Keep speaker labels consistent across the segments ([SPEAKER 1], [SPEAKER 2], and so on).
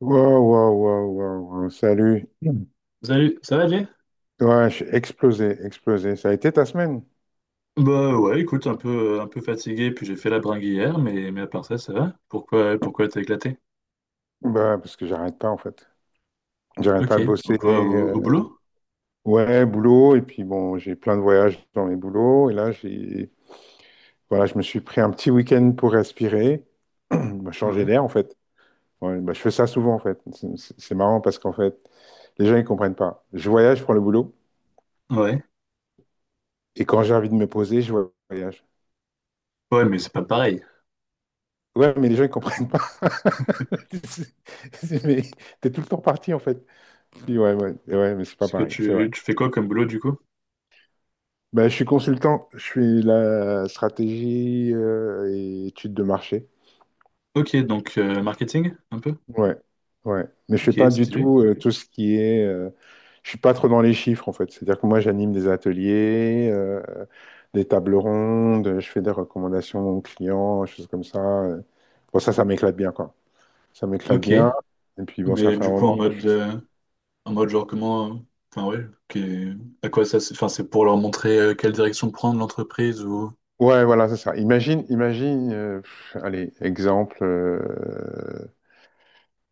[SPEAKER 1] Wow, wow, wow, wow, wow. Salut. Mm.
[SPEAKER 2] Salut, ça va, Jay?
[SPEAKER 1] Ouais, je suis explosé, explosé. Ça a été ta semaine?
[SPEAKER 2] Bah ouais, écoute, un peu fatigué, puis j'ai fait la bringue hier, mais à part ça, ça va? Pourquoi t'as éclaté?
[SPEAKER 1] Bah, parce que j'arrête pas, en fait. J'arrête
[SPEAKER 2] Ok,
[SPEAKER 1] pas de
[SPEAKER 2] ou
[SPEAKER 1] bosser.
[SPEAKER 2] quoi, au,
[SPEAKER 1] euh,
[SPEAKER 2] au boulot?
[SPEAKER 1] ouais, boulot. Et puis, bon, j'ai plein de voyages dans mes boulots. Et là, j'ai, voilà, je me suis pris un petit week-end pour respirer, bah, changer
[SPEAKER 2] Ouais,
[SPEAKER 1] d'air, en fait. Ouais, bah, je fais ça souvent, en fait. C'est marrant parce qu'en fait, les gens, ils comprennent pas. Je voyage pour le boulot.
[SPEAKER 2] ouais.
[SPEAKER 1] Et quand j'ai envie de me poser, je voyage.
[SPEAKER 2] Ouais, mais c'est pas pareil.
[SPEAKER 1] Ouais, mais les gens, ils comprennent pas.
[SPEAKER 2] Attends,
[SPEAKER 1] C'est- Mais t'es tout le temps parti, en fait. Je dis, ouais, ouais, ouais, mais c'est pas
[SPEAKER 2] parce que
[SPEAKER 1] pareil, c'est vrai.
[SPEAKER 2] tu fais quoi comme boulot du coup?
[SPEAKER 1] Ben, je suis consultant, je suis la stratégie et études de marché.
[SPEAKER 2] Ok, donc marketing, un peu?
[SPEAKER 1] Ouais, ouais. Mais je fais
[SPEAKER 2] Ok,
[SPEAKER 1] pas du
[SPEAKER 2] stylé.
[SPEAKER 1] tout tout ce qui est. Je suis pas trop dans les chiffres, en fait. C'est-à-dire que moi, j'anime des ateliers, des tables rondes, je fais des recommandations aux clients, choses comme ça. Bon, ça m'éclate bien, quoi. Ça m'éclate
[SPEAKER 2] Ok,
[SPEAKER 1] bien. Et puis, bon, ça
[SPEAKER 2] mais
[SPEAKER 1] fait un
[SPEAKER 2] du coup en
[SPEAKER 1] moment que je
[SPEAKER 2] mode,
[SPEAKER 1] fais ça.
[SPEAKER 2] euh, en mode genre comment. Enfin ouais, ok. À quoi ça. Enfin, c'est pour leur montrer quelle direction prendre l'entreprise ou.
[SPEAKER 1] Ouais, voilà, c'est ça. Imagine, imagine, pff, allez, exemple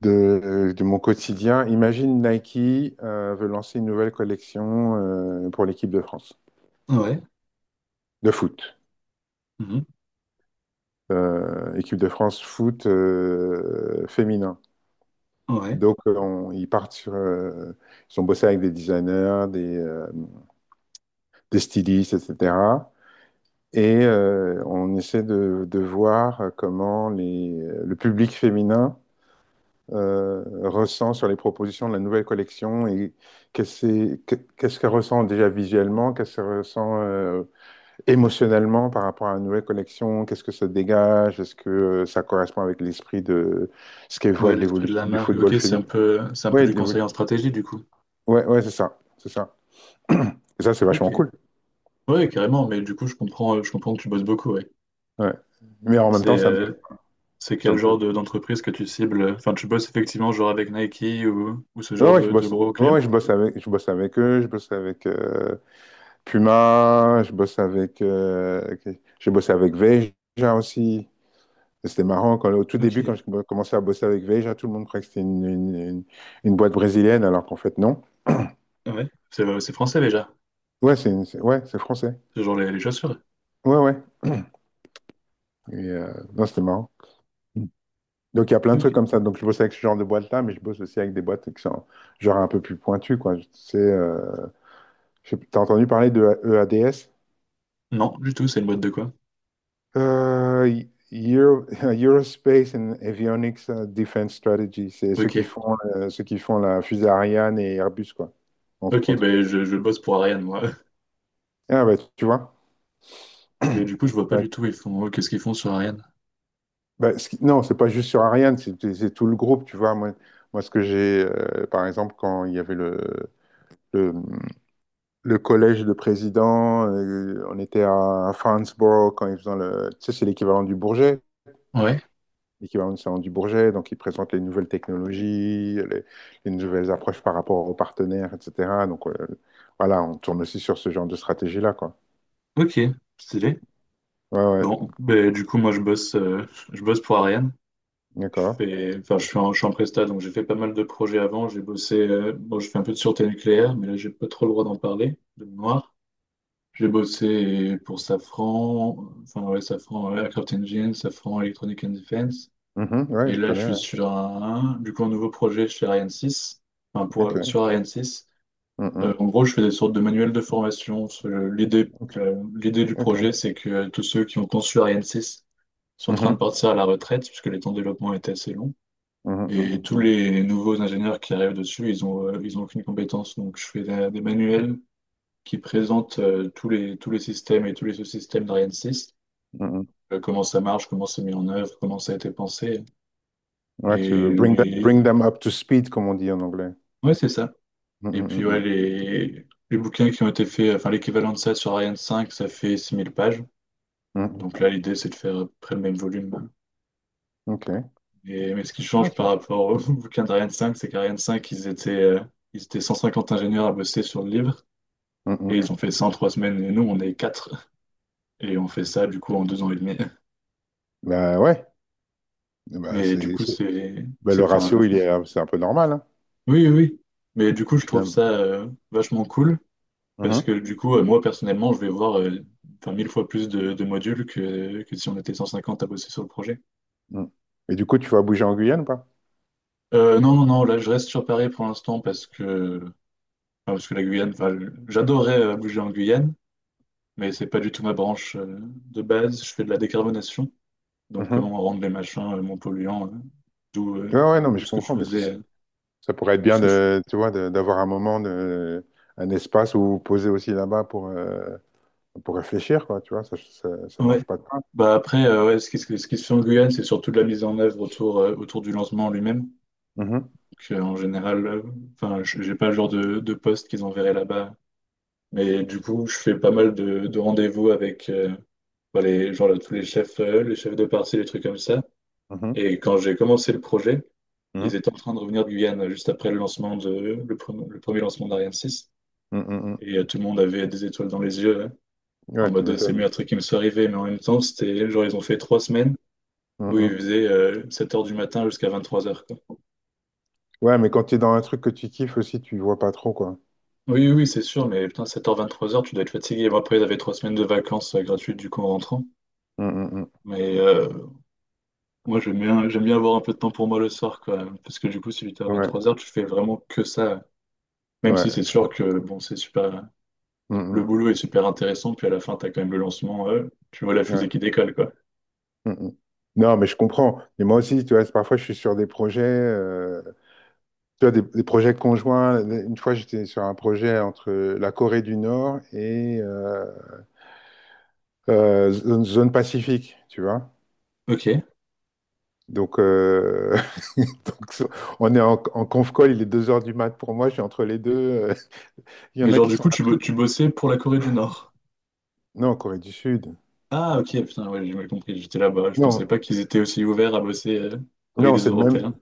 [SPEAKER 1] de mon quotidien. Imagine Nike veut lancer une nouvelle collection pour l'équipe de France
[SPEAKER 2] Ouais,
[SPEAKER 1] de foot.
[SPEAKER 2] mhm,
[SPEAKER 1] Équipe de France foot féminin.
[SPEAKER 2] ouais.
[SPEAKER 1] Donc, ils partent sur, ils ont bossé avec des designers, des stylistes, etc. Et on essaie de voir comment le public féminin euh, ressent sur les propositions de la nouvelle collection et qu'est-ce qu'est-ce qu'elle ressent déjà visuellement, qu'est-ce qu'elle ressent émotionnellement par rapport à la nouvelle collection, qu'est-ce que ça dégage, est-ce que ça correspond avec l'esprit de ce qu'elle voit
[SPEAKER 2] Ouais,
[SPEAKER 1] de
[SPEAKER 2] l'esprit de la
[SPEAKER 1] l'évolution du
[SPEAKER 2] marque. Ok,
[SPEAKER 1] football
[SPEAKER 2] c'est un
[SPEAKER 1] féminin.
[SPEAKER 2] peu, c'est un peu
[SPEAKER 1] Oui,
[SPEAKER 2] du
[SPEAKER 1] de
[SPEAKER 2] conseil en
[SPEAKER 1] l'évolution.
[SPEAKER 2] stratégie, du coup.
[SPEAKER 1] Ouais, ouais, c'est ça, c'est ça. Et ça, c'est
[SPEAKER 2] Ok.
[SPEAKER 1] vachement cool.
[SPEAKER 2] Ouais, carrément, mais du coup, je comprends que tu bosses beaucoup, ouais.
[SPEAKER 1] Ouais. Mais en même
[SPEAKER 2] C'est
[SPEAKER 1] temps, ça me plaît,
[SPEAKER 2] euh, c'est
[SPEAKER 1] ça
[SPEAKER 2] quel
[SPEAKER 1] me plaît.
[SPEAKER 2] genre d'entreprise que tu cibles? Enfin, tu bosses effectivement genre avec Nike ou ce
[SPEAKER 1] Ouais,
[SPEAKER 2] genre
[SPEAKER 1] ouais, je
[SPEAKER 2] de
[SPEAKER 1] bosse,
[SPEAKER 2] gros
[SPEAKER 1] ouais,
[SPEAKER 2] clients?
[SPEAKER 1] ouais, je bosse avec eux, je bosse avec, Puma, je bosse avec, ok, j'ai bossé avec Veja aussi. Et c'était marrant, quand, au tout
[SPEAKER 2] Ok.
[SPEAKER 1] début, quand j'ai commencé à bosser avec Veja, tout le monde croyait que c'était une boîte brésilienne, alors qu'en fait, non.
[SPEAKER 2] Ah ouais. C'est français déjà.
[SPEAKER 1] Ouais, c'est ouais, c'est français.
[SPEAKER 2] C'est genre les chaussures.
[SPEAKER 1] Ouais, ouais. Et, non, c'était marrant. Donc, il y a plein de
[SPEAKER 2] Ok.
[SPEAKER 1] trucs comme ça. Donc, je bosse avec ce genre de boîte-là, mais je bosse aussi avec des boîtes qui sont genre un peu plus pointues, quoi. Tu sais, t'as entendu parler de EADS?
[SPEAKER 2] Non, du tout, c'est une boîte de quoi?
[SPEAKER 1] Euh, Euro- Eurospace and Avionics Defense Strategy, c'est
[SPEAKER 2] Ok.
[SPEAKER 1] ceux qui font la fusée Ariane et Airbus, quoi, entre
[SPEAKER 2] Ok,
[SPEAKER 1] autres.
[SPEAKER 2] ben je bosse pour Ariane, moi.
[SPEAKER 1] Ah bah, tu vois.
[SPEAKER 2] Mais du coup, je vois pas
[SPEAKER 1] Ouais.
[SPEAKER 2] du tout, qu'est-ce qu'ils font sur Ariane?
[SPEAKER 1] Bah, non, c'est pas juste sur Ariane, c'est tout le groupe, tu vois. Moi, ce que j'ai, par exemple, quand il y avait le, le collège de président, on était à Franceborough quand ils faisaient le. Tu sais, c'est l'équivalent du Bourget,
[SPEAKER 2] Ouais,
[SPEAKER 1] l'équivalent du Salon du Bourget, donc ils présentent les nouvelles technologies, les nouvelles approches par rapport aux partenaires, etc. Donc voilà, on tourne aussi sur ce genre de stratégie-là, quoi.
[SPEAKER 2] ok, stylé.
[SPEAKER 1] Ouais, ouais,
[SPEAKER 2] Bon, ben du coup, moi, je bosse pour Ariane. Je
[SPEAKER 1] d'accord.
[SPEAKER 2] fais, enfin, je suis en presta, donc j'ai fait pas mal de projets avant. Bon, je fais un peu de sûreté nucléaire, mais là, j'ai pas trop le droit d'en parler, de mémoire. J'ai bossé pour Safran, enfin, ouais, Safran Aircraft Engine, Safran Electronic and Defense.
[SPEAKER 1] Mhm, ouais,
[SPEAKER 2] Et
[SPEAKER 1] je
[SPEAKER 2] là, je
[SPEAKER 1] connais.
[SPEAKER 2] suis
[SPEAKER 1] Ouais.
[SPEAKER 2] sur du coup, un nouveau projet chez Ariane 6. Enfin, pour,
[SPEAKER 1] Ok.
[SPEAKER 2] sur Ariane 6.
[SPEAKER 1] Mhm,
[SPEAKER 2] En gros, je fais des sortes de manuels de formation. L'idée,
[SPEAKER 1] ok.
[SPEAKER 2] euh, l'idée du
[SPEAKER 1] Ok.
[SPEAKER 2] projet, c'est que tous ceux qui ont conçu Ariane 6 sont en train de
[SPEAKER 1] Mhm,
[SPEAKER 2] partir à la retraite, puisque les temps de développement étaient assez longs.
[SPEAKER 1] mhm,
[SPEAKER 2] Et tous les nouveaux ingénieurs qui arrivent dessus, ils ont aucune compétence. Donc, je fais des manuels qui présentent tous les systèmes et tous les sous-systèmes d'Ariane 6,
[SPEAKER 1] mhm, mhm.
[SPEAKER 2] comment ça marche, comment c'est mis en œuvre, comment ça a été pensé.
[SPEAKER 1] Ouais,
[SPEAKER 2] Et
[SPEAKER 1] to
[SPEAKER 2] les,
[SPEAKER 1] bring them up to speed, comme on dit en anglais.
[SPEAKER 2] Ouais, c'est ça.
[SPEAKER 1] Mhm,
[SPEAKER 2] Et puis,
[SPEAKER 1] mhm,
[SPEAKER 2] ouais,
[SPEAKER 1] mhm.
[SPEAKER 2] les bouquins qui ont été faits, enfin, l'équivalent de ça sur Ariane 5, ça fait 6000 pages.
[SPEAKER 1] Mhm,
[SPEAKER 2] Donc là, l'idée, c'est de faire à peu près le même volume.
[SPEAKER 1] ok.
[SPEAKER 2] Mais ce qui
[SPEAKER 1] Ah,
[SPEAKER 2] change par rapport au bouquin d'Ariane 5, c'est qu'Ariane 5 ils étaient 150 ingénieurs à bosser sur le livre. Et
[SPEAKER 1] Mhm.
[SPEAKER 2] ils ont fait ça en 3 semaines. Et nous, on est quatre. Et on fait ça, du coup, en 2 ans et demi.
[SPEAKER 1] Bah ouais. Bah,
[SPEAKER 2] Mais du coup, c'est...
[SPEAKER 1] bah,
[SPEAKER 2] c'est,
[SPEAKER 1] le
[SPEAKER 2] enfin,
[SPEAKER 1] ratio, il est, c'est un peu normal, hein,
[SPEAKER 2] oui, oui. Oui. Mais du coup,
[SPEAKER 1] au
[SPEAKER 2] je trouve
[SPEAKER 1] final.
[SPEAKER 2] ça vachement cool. Parce
[SPEAKER 1] Mhm,
[SPEAKER 2] que du coup, moi personnellement, je vais voir enfin, 1000 fois plus de modules que si on était 150 à bosser sur le projet.
[SPEAKER 1] mhm. Et du coup, tu vas bouger en Guyane, pas.
[SPEAKER 2] Non, non, non, là je reste sur Paris pour l'instant parce que, enfin, parce que la Guyane, enfin, j'adorerais bouger en Guyane, mais c'est pas du tout ma branche de base. Je fais de la décarbonation, donc comment
[SPEAKER 1] Mhm.
[SPEAKER 2] rendre les machins moins polluants, d'où euh,
[SPEAKER 1] Ouais, ouais, non, mais
[SPEAKER 2] d'où
[SPEAKER 1] je
[SPEAKER 2] ce que je
[SPEAKER 1] comprends, mais
[SPEAKER 2] faisais,
[SPEAKER 1] ça pourrait être
[SPEAKER 2] de
[SPEAKER 1] bien
[SPEAKER 2] ce que je...
[SPEAKER 1] de, tu vois, d'avoir un moment de, un espace où vous posez aussi là-bas pour réfléchir, quoi, tu vois, ça
[SPEAKER 2] Ouais.
[SPEAKER 1] mange pas de pain.
[SPEAKER 2] Bah après, ouais, ce qui se fait en Guyane, c'est surtout de la mise en œuvre autour du lancement lui-même.
[SPEAKER 1] Mhm,
[SPEAKER 2] Que, en général, enfin, j'ai pas le genre de poste qu'ils enverraient là-bas. Mais du coup, je fais pas mal de rendez-vous avec bah, les, genre, là, tous les chefs de parti, les trucs comme ça.
[SPEAKER 1] mhm,
[SPEAKER 2] Et quand j'ai commencé le projet, ils
[SPEAKER 1] mhm,
[SPEAKER 2] étaient en train de revenir de Guyane juste après le lancement le premier lancement d'Ariane 6.
[SPEAKER 1] mhm, mhm.
[SPEAKER 2] Et tout le monde avait des étoiles dans les yeux, hein, en
[SPEAKER 1] Ouais, tu
[SPEAKER 2] mode c'est le
[SPEAKER 1] m'étonnes.
[SPEAKER 2] meilleur truc qui me soit arrivé. Mais en même temps, c'était genre ils ont fait 3 semaines où ils
[SPEAKER 1] Mhm.
[SPEAKER 2] faisaient 7h du matin jusqu'à 23h, quoi.
[SPEAKER 1] Ouais, mais quand tu es dans un truc que tu kiffes aussi, tu vois pas trop, quoi.
[SPEAKER 2] Oui, oui, oui, c'est sûr, mais putain, sept heures vingt-trois heures tu dois être fatigué. Bon, après, j'avais 3 semaines de vacances gratuites du coup en rentrant.
[SPEAKER 1] Mhm, mhm.
[SPEAKER 2] Mais moi, j'aime bien avoir un peu de temps pour moi le soir, quoi. Parce que du coup, si 8h
[SPEAKER 1] Ouais,
[SPEAKER 2] vingt-trois heures tu fais vraiment que ça. Même
[SPEAKER 1] ouais,
[SPEAKER 2] si c'est
[SPEAKER 1] je
[SPEAKER 2] sûr
[SPEAKER 1] comprends.
[SPEAKER 2] que bon, c'est super. Le
[SPEAKER 1] Mhm,
[SPEAKER 2] boulot est super intéressant, puis à la fin, t'as quand même le lancement, tu vois la fusée
[SPEAKER 1] ouais,
[SPEAKER 2] qui décolle, quoi.
[SPEAKER 1] mhm. Non, mais je comprends. Mais moi aussi, tu vois, parfois je suis sur des projets. Tu vois, des projets conjoints. Une fois, j'étais sur un projet entre la Corée du Nord et zone Pacifique, tu vois.
[SPEAKER 2] Ok.
[SPEAKER 1] Donc, donc, so, on est en, en conf call, il est 2 heures du mat pour moi, je suis entre les deux. Il y
[SPEAKER 2] Mais
[SPEAKER 1] en a
[SPEAKER 2] genre,
[SPEAKER 1] qui
[SPEAKER 2] du
[SPEAKER 1] sont...
[SPEAKER 2] coup, tu bossais pour la Corée du Nord.
[SPEAKER 1] Non, Corée du Sud.
[SPEAKER 2] Ah, ok, putain, ouais, j'ai mal compris, j'étais là-bas. Je pensais
[SPEAKER 1] Non,
[SPEAKER 2] pas qu'ils étaient aussi ouverts à bosser avec
[SPEAKER 1] non,
[SPEAKER 2] des
[SPEAKER 1] c'est le même,
[SPEAKER 2] Européens.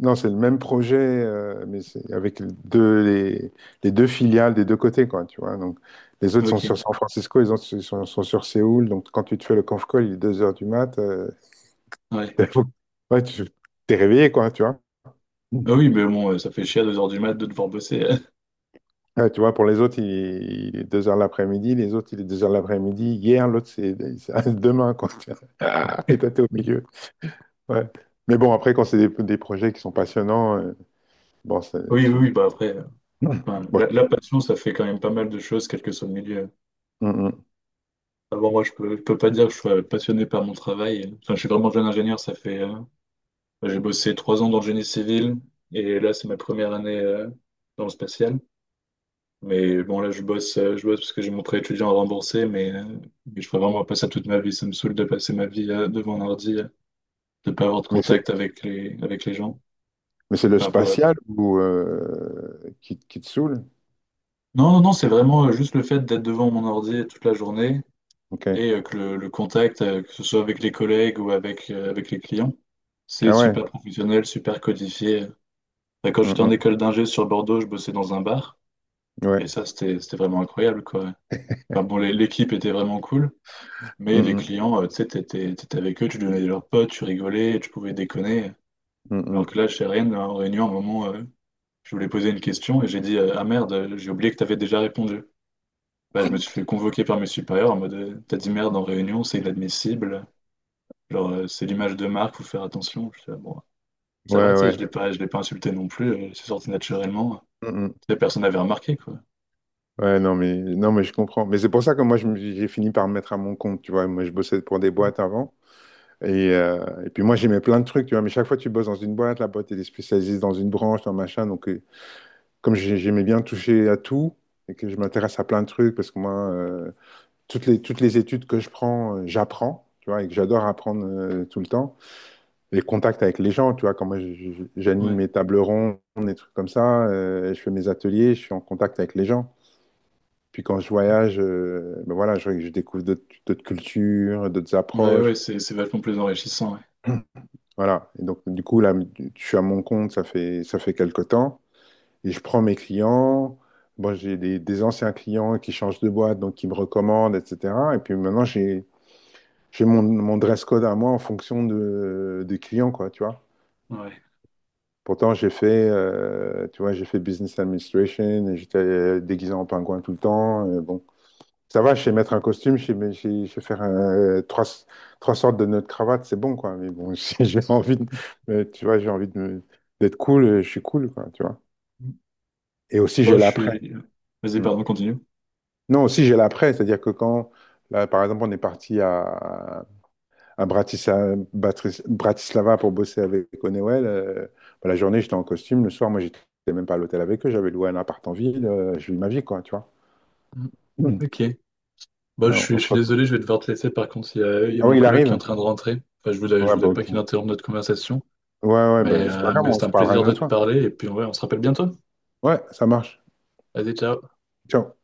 [SPEAKER 1] non, c'est le même projet, mais c'est avec les deux, les deux filiales des deux côtés, quoi, tu vois. Donc, les autres sont
[SPEAKER 2] Ok,
[SPEAKER 1] sur San Francisco, les autres sont sur Séoul. Donc, quand tu te fais le conf call, il est 2 heures du mat.
[SPEAKER 2] ouais.
[SPEAKER 1] T'es- Ouais, tu t'es réveillé, quoi, tu vois. Mm.
[SPEAKER 2] Ah oui, mais bon, ça fait chier à 2h du mat de devoir bosser.
[SPEAKER 1] Ouais, tu vois, pour les autres, il est 2 heures l'après-midi, les autres, il est 2 heures l'après-midi, hier, l'autre, c'est demain, quoi. Tu vois. Ah, et toi, t'es au milieu. Ouais. Mais bon, après, quand c'est des projets qui sont passionnants, bon,
[SPEAKER 2] Oui, oui, oui, bah après,
[SPEAKER 1] Mm.
[SPEAKER 2] enfin,
[SPEAKER 1] bon,
[SPEAKER 2] la
[SPEAKER 1] tu-
[SPEAKER 2] passion, ça fait quand même pas mal de choses, quel que soit le milieu.
[SPEAKER 1] Mm, mm.
[SPEAKER 2] Avant, moi, je peux pas dire que je sois passionné par mon travail. Enfin, je suis vraiment jeune ingénieur, j'ai bossé 3 ans dans le génie civil, et là, c'est ma première année, dans le spatial. Mais bon, là, je bosse parce que j'ai mon prêt étudiant à rembourser, mais je ferai vraiment pas ça toute ma vie. Ça me saoule de passer ma vie, devant un ordi, de pas avoir de
[SPEAKER 1] Mais
[SPEAKER 2] contact avec avec les gens.
[SPEAKER 1] c'est le
[SPEAKER 2] Enfin,
[SPEAKER 1] spatial ou, qui te saoule?
[SPEAKER 2] non, non, non, c'est vraiment juste le fait d'être devant mon ordi toute la journée
[SPEAKER 1] Ok.
[SPEAKER 2] et que le contact, que ce soit avec les collègues ou avec les clients, c'est
[SPEAKER 1] Ah ouais.
[SPEAKER 2] super professionnel, super codifié. Bah, quand j'étais en
[SPEAKER 1] Mm,
[SPEAKER 2] école d'ingé sur Bordeaux, je bossais dans un bar
[SPEAKER 1] mm.
[SPEAKER 2] et
[SPEAKER 1] Ouais.
[SPEAKER 2] ça, c'était vraiment incroyable, quoi. Enfin, bon, l'équipe était vraiment cool,
[SPEAKER 1] Mm,
[SPEAKER 2] mais les
[SPEAKER 1] mm.
[SPEAKER 2] clients, tu sais, t'étais avec eux, tu devenais leurs potes, tu rigolais, tu pouvais déconner.
[SPEAKER 1] Mm,
[SPEAKER 2] Alors
[SPEAKER 1] mm.
[SPEAKER 2] que là, chez Rennes, en réunion, à un moment, je voulais poser une question et j'ai dit, ah merde, j'ai oublié que t'avais déjà répondu. Bah, je me suis fait convoquer par mes supérieurs en mode t'as dit merde en réunion, c'est inadmissible, genre c'est l'image de marque, faut faire attention. Je fais, ah bon, ça va,
[SPEAKER 1] Ouais,
[SPEAKER 2] tu sais,
[SPEAKER 1] ouais.
[SPEAKER 2] je l'ai pas insulté non plus, c'est sorti naturellement.
[SPEAKER 1] Mm, mm.
[SPEAKER 2] Tu sais, personne n'avait remarqué quoi.
[SPEAKER 1] Ouais, non, mais, non, mais je comprends. Mais c'est pour ça que moi, j'ai fini par me mettre à mon compte, tu vois. Moi, je bossais pour des boîtes avant. Et puis moi, j'aimais plein de trucs, tu vois. Mais chaque fois que tu bosses dans une boîte, la boîte, elle est spécialisée dans une branche, dans machin. Donc, comme j'aimais bien toucher à tout et que je m'intéresse à plein de trucs, parce que moi, toutes les études que je prends, j'apprends, tu vois, et que j'adore apprendre tout le temps. Les contacts avec les gens, tu vois, quand moi, j'anime
[SPEAKER 2] Ouais,
[SPEAKER 1] mes tables rondes, des trucs comme ça, je fais mes ateliers, je suis en contact avec les gens. Puis quand je voyage, ben voilà, je découvre d'autres cultures, d'autres
[SPEAKER 2] ouais, ouais,
[SPEAKER 1] approches.
[SPEAKER 2] c'est vachement plus enrichissant. Ouais.
[SPEAKER 1] Voilà. Et donc, du coup, là, je suis à mon compte, ça fait quelque temps. Et je prends mes clients. Bon, j'ai des anciens clients qui changent de boîte, donc qui me recommandent, etc. Et puis maintenant, j'ai mon dress code à moi en fonction des clients, quoi, tu vois.
[SPEAKER 2] Ouais.
[SPEAKER 1] Pourtant, j'ai fait, tu vois, j'ai fait business administration et j'étais déguisé en pingouin tout le temps. Bon, ça va, je sais mettre un costume, je sais, mais je sais faire trois sortes de nœuds de cravate, c'est bon, quoi. Mais bon, si j'ai envie de, mais tu vois, j'ai envie d'être cool, je suis cool, quoi, tu vois.
[SPEAKER 2] Mm.
[SPEAKER 1] Et aussi,
[SPEAKER 2] Bon,
[SPEAKER 1] j'ai
[SPEAKER 2] je
[SPEAKER 1] l'après.
[SPEAKER 2] suis. Vas-y,
[SPEAKER 1] Mm.
[SPEAKER 2] pardon, continue.
[SPEAKER 1] Non, aussi, j'ai l'après, c'est-à-dire que quand, là, par exemple, on est parti à Bratislava pour bosser avec Honeywell, bah, la journée, j'étais en costume, le soir, moi, j'étais même pas à l'hôtel avec eux, j'avais loué un appart en ville, je vis ma vie, quoi, tu vois.
[SPEAKER 2] Mm.
[SPEAKER 1] Mm.
[SPEAKER 2] Ok. Bon,
[SPEAKER 1] Ouais,
[SPEAKER 2] je
[SPEAKER 1] on
[SPEAKER 2] suis, je
[SPEAKER 1] se
[SPEAKER 2] suis
[SPEAKER 1] retrouve.
[SPEAKER 2] désolé, je vais devoir te laisser. Par contre, il y a
[SPEAKER 1] Ah
[SPEAKER 2] mon
[SPEAKER 1] oui, il
[SPEAKER 2] coloc qui est
[SPEAKER 1] arrive?
[SPEAKER 2] en train de rentrer. Enfin, je voulais, je
[SPEAKER 1] Ouais, bah,
[SPEAKER 2] voulais pas
[SPEAKER 1] ok.
[SPEAKER 2] qu'il interrompe notre conversation,
[SPEAKER 1] Ouais, ouais, bah,
[SPEAKER 2] mais,
[SPEAKER 1] c'est pas
[SPEAKER 2] euh,
[SPEAKER 1] grave,
[SPEAKER 2] mais
[SPEAKER 1] on
[SPEAKER 2] c'était
[SPEAKER 1] se
[SPEAKER 2] un
[SPEAKER 1] parlera
[SPEAKER 2] plaisir
[SPEAKER 1] une
[SPEAKER 2] de
[SPEAKER 1] autre
[SPEAKER 2] te
[SPEAKER 1] fois.
[SPEAKER 2] parler. Et puis, ouais, on se rappelle bientôt.
[SPEAKER 1] Ouais, ça marche.
[SPEAKER 2] Vas-y, ciao.
[SPEAKER 1] Ciao.